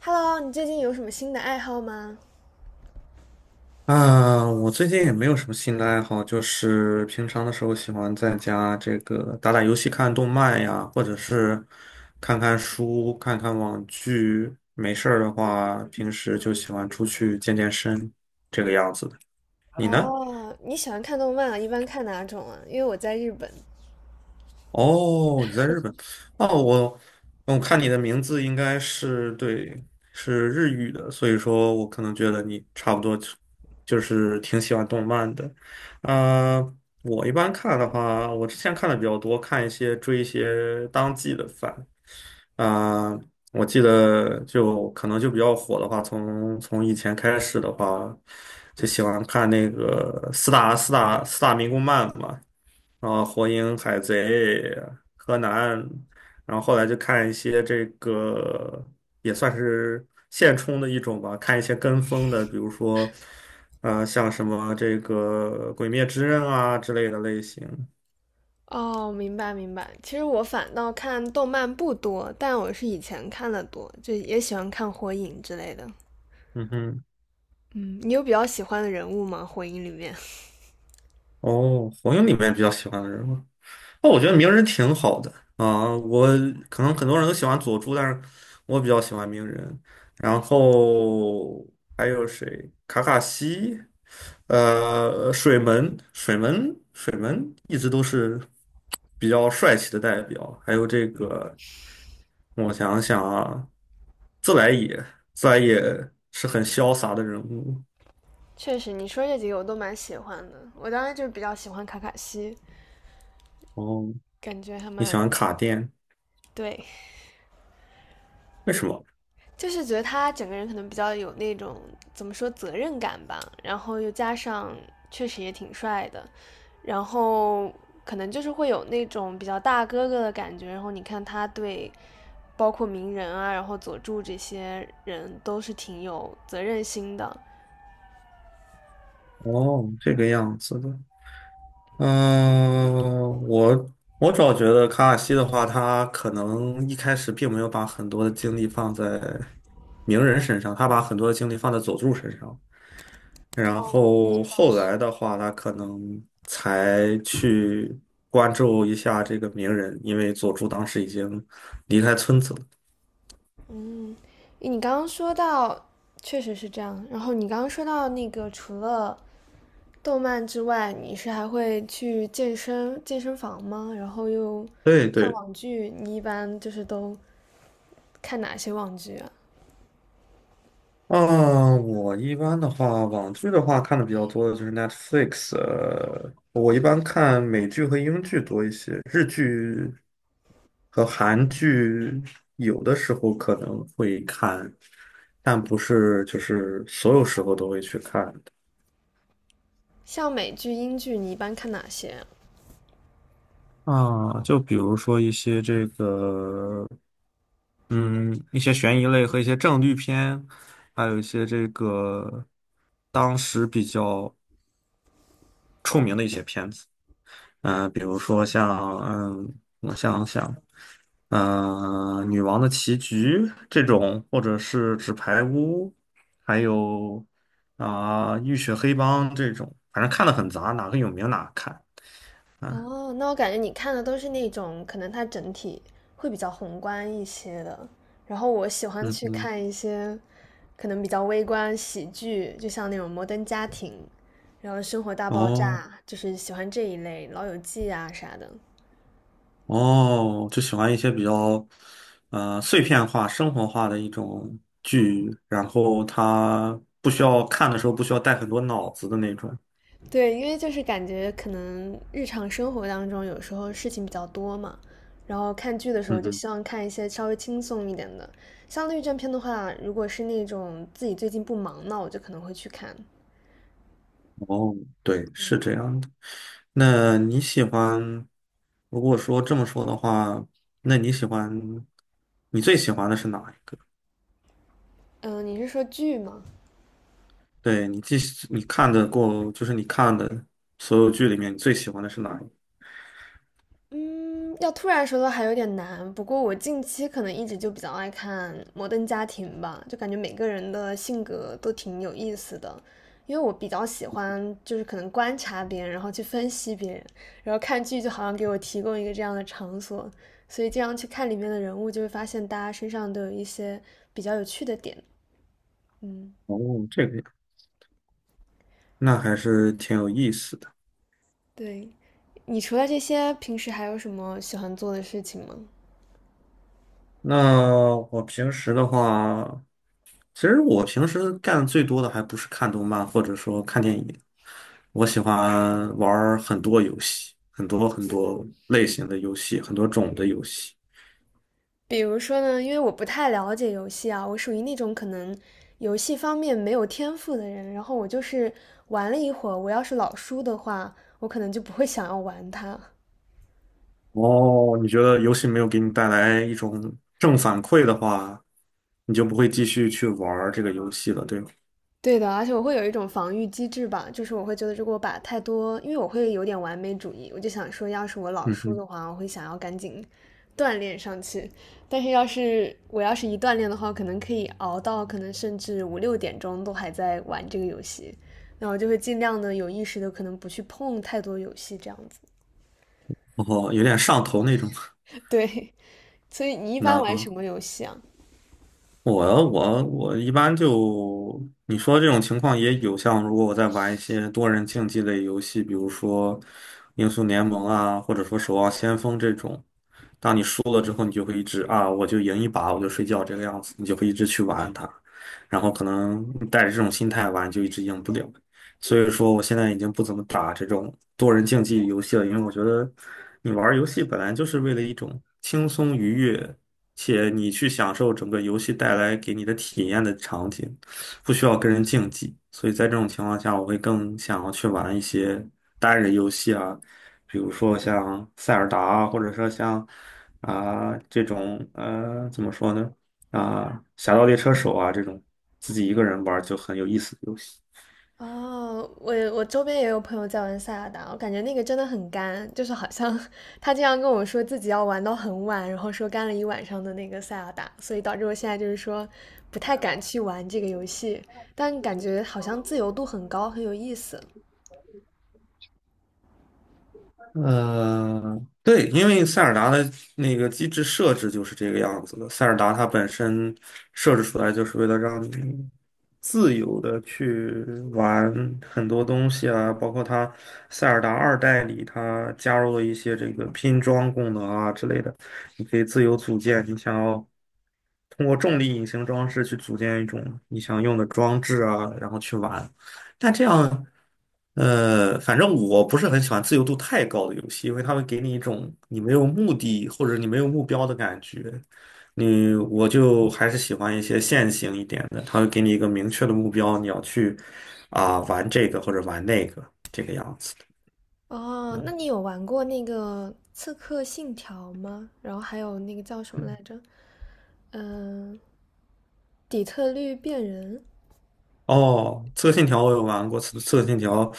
Hello，你最近有什么新的爱好吗？啊，我最近也没有什么新的爱好，就是平常的时候喜欢在家这个打打游戏、看动漫呀，或者是看看书、看看网剧。没事儿的话，平时就喜欢出去健健身，这个样子的。你呢？哦，你喜欢看动漫啊？一般看哪种啊？因为我在日本。哦，你在日本？哦，我看你的名字应该是对，是日语的，所以说我可能觉得你差不多就是挺喜欢动漫的。啊，我一般看的话，我之前看的比较多，看一些追一些当季的番。啊、我记得就可能就比较火的话，从以前开始的话，就喜欢看那个四大民工漫嘛。啊，《火影》《海贼》《柯南》，然后后来就看一些这个也算是现充的一种吧，看一些跟风的，比如说，像什么这个《鬼灭之刃》啊之类的类型。哦，明白明白。其实我反倒看动漫不多，但我是以前看的多，就也喜欢看火影之类的。嗯哼。嗯，你有比较喜欢的人物吗？火影里面？哦，《火影》里面比较喜欢的人物。哦，我觉得鸣人挺好的。啊，我可能很多人都喜欢佐助，但是我比较喜欢鸣人。然后还有谁？卡卡西，水门一直都是比较帅气的代表。还有这个，我想想啊，自来也，自来也是很潇洒的人物。确实，你说这几个我都蛮喜欢的。我当时就比较喜欢卡卡西，哦，感觉还你蛮有喜欢意思。卡电，对。为什么？就是觉得他整个人可能比较有那种怎么说责任感吧，然后又加上确实也挺帅的，然后可能就是会有那种比较大哥哥的感觉。然后你看他对包括鸣人啊，然后佐助这些人都是挺有责任心的。哦，这个样子的。嗯，我我主要觉得卡卡西的话，他可能一开始并没有把很多的精力放在鸣人身上，他把很多的精力放在佐助身上，然后嗯，后来的话，他可能才去关注一下这个鸣人，因为佐助当时已经离开村子了。你刚刚说到，确实是这样。然后你刚刚说到那个，除了动漫之外，你是还会去健身健身房吗？然后又对看对。网剧，你一般就是都看哪些网剧啊？嗯，我一般的话，网剧的话看的比较多的就是 Netflix,我一般看美剧和英剧多一些，日剧和韩剧有的时候可能会看，但不是就是所有时候都会去看的像美剧、英剧，你一般看哪些啊啊。就比如说一些这个，嗯，一些悬疑类和一些正剧片，还有一些这个当时比较出名的一些片子。比如说像，我想想，《女王的棋局》这种，或者是纸牌屋，还有浴血黑帮这种，反正看的很杂，哪个有名哪个看。哦，那我感觉你看的都是那种可能它整体会比较宏观一些的，然后我喜欢嗯去嗯。看一些可能比较微观喜剧，就像那种《摩登家庭》，然后《生活大爆炸》，哦就是喜欢这一类，《老友记》啊啥的。哦，就喜欢一些比较碎片化、生活化的一种剧，然后它不需要看的时候不需要带很多脑子的那种。对，因为就是感觉可能日常生活当中有时候事情比较多嘛，然后看剧的时候嗯就嗯。希望看一些稍微轻松一点的。像律政片的话，如果是那种自己最近不忙，那我就可能会去看。哦，对，是这样的。那你喜欢，如果说这么说的话，那你喜欢，你最喜欢的是哪一个？嗯、你是说剧吗？对，你既喜你看的过，就是你看的所有剧里面，你最喜欢的是哪一个？嗯，要突然说到还有点难，不过我近期可能一直就比较爱看《摩登家庭》吧，就感觉每个人的性格都挺有意思的，因为我比较喜欢就是可能观察别人，然后去分析别人，然后看剧就好像给我提供一个这样的场所，所以经常去看里面的人物，就会发现大家身上都有一些比较有趣的点。嗯，哦，这个呀，那还是挺有意思的。对。你除了这些，平时还有什么喜欢做的事情吗？那我平时的话，其实我平时干的最多的还不是看动漫，或者说看电影，我喜欢玩儿很多游戏，很多很多类型的游戏，很多种的游戏。比如说呢，因为我不太了解游戏啊，我属于那种可能游戏方面没有天赋的人。然后我就是玩了一会儿，我要是老输的话，我可能就不会想要玩它。哦，你觉得游戏没有给你带来一种正反馈的话，你就不会继续去玩儿这个游戏了，对吗？对的，而且我会有一种防御机制吧，就是我会觉得如果把太多，因为我会有点完美主义，我就想说，要是我老嗯输哼。的话，我会想要赶紧锻炼上去。但是要是我一锻炼的话，可能可以熬到可能甚至5、6点钟都还在玩这个游戏，那我就会尽量的有意识的可能不去碰太多游戏这样子。哦，有点上头那种。对，所以你一般那玩什好，么游戏啊？我一般就你说这种情况也有，像如果我在玩一些多人竞技类游戏，比如说《英雄联盟》啊，或者说《守望先锋》这种，输了之后，你就会一直啊，我就赢一把，我就睡觉这个样子，你就会一直去玩它，然后可能带着这种心态玩，就一直赢不了。所以说，我现在已经不怎么打这种多人竞技游戏了，因为我觉得你玩儿游戏本来就是为了一种轻松愉悦，且你去享受整个游戏带来给你的体验的场景，不需要跟人竞技。所以在这种情况下，我会更想要去玩一些单人游戏啊。比如说像塞尔达，或者说像这种怎么说呢侠盗猎车手啊这种自己一个人玩儿就很有意思的游戏。哦，我周边也有朋友在玩塞尔达，我感觉那个真的很干，就是好像 他经常跟我说自己要玩到很晚，然后说干了一晚上的那个塞尔达，所以导致我现在就是说不太敢去玩这个游戏，但感觉好像自由度很高，很有意思。嗯，对，因为塞尔达的那个机制设置就是这个样子的。塞尔达它本身设置出来就是为了让你自由的去玩很多东西啊，包括它塞尔达二代里它加入了一些这个拼装功能啊之类的，你可以自由组建你想要通过重力隐形装置去组建一种你想用的装置啊，然后去玩。但这样，反正我不是很喜欢自由度太高的游戏，因为它会给你一种你没有目的或者你没有目标的感觉。我就还是喜欢一些线性一点的，它会给你一个明确的目标，你要去玩这个或者玩那个这个样子。哦，那你有玩过那个《刺客信条》吗？然后还有那个叫什么来着？嗯、底特律变人。哦，刺客信条我有玩过，刺客信条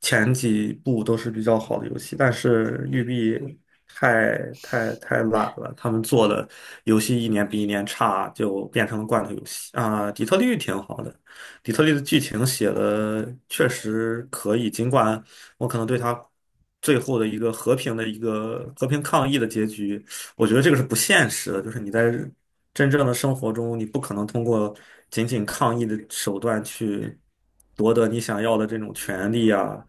前几部都是比较好的游戏，但是育碧太太懒了，他们做的游戏一年比一年差，就变成了罐头游戏啊。底特律挺好的，底特律的剧情写的确实可以，尽管我可能对它最后的一个和平抗议的结局，我觉得这个是不现实的，就是你在真正的生活中，你不可能通过仅仅抗议的手段去夺得你想要的这种权利啊，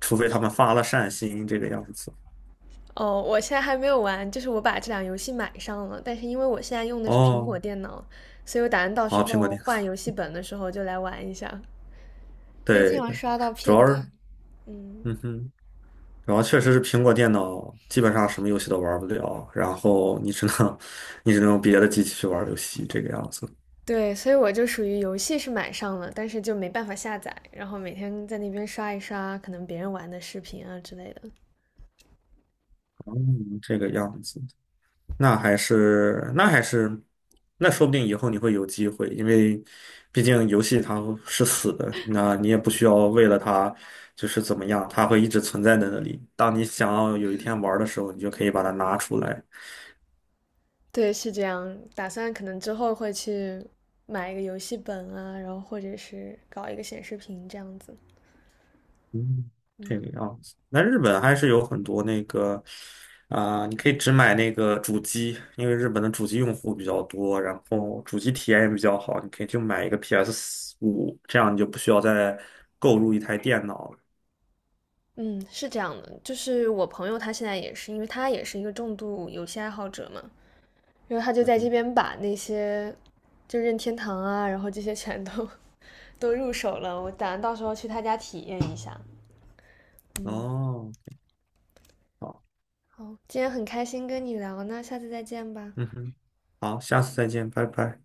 除非他们发了善心这个样子。哦，我现在还没有玩，就是我把这两游戏买上了，但是因为我现在用的是苹果哦，电脑，所以我打算到时啊，苹果候电换脑，游戏本的时候就来玩一下，因为经对，常对。刷到主片要段。是，嗯，嗯哼，主要确实是苹果电脑基本上什么游戏都玩不了，然后你只能 你只能用别的机器去玩游戏这个样子。对，所以我就属于游戏是买上了，但是就没办法下载，然后每天在那边刷一刷可能别人玩的视频啊之类的。嗯，这个样子。那还是那还是那说不定以后你会有机会，因为毕竟游戏它是死的，那你也不需要为了它就是怎么样，它会一直存在在那里。当你想要有一天玩儿的时候，你就可以把它拿出来。对，是这样，打算可能之后会去买一个游戏本啊，然后或者是搞一个显示屏这样子。嗯，这个样子。那日本还是有很多你可以只买那个主机，因为日本的主机用户比较多，然后主机体验也比较好，你可以就买一个 PS5，这样你就不需要再购入一台电脑了。嗯，是这样的，就是我朋友他现在也是，因为他也是一个重度游戏爱好者嘛，然后他就在这边把那些就任天堂啊，然后这些全都 都入手了，我打算到时候去他家体验一下。嗯，哦，好，好，今天很开心跟你聊，那下次再见吧。嗯哼，好，下次再见，拜拜。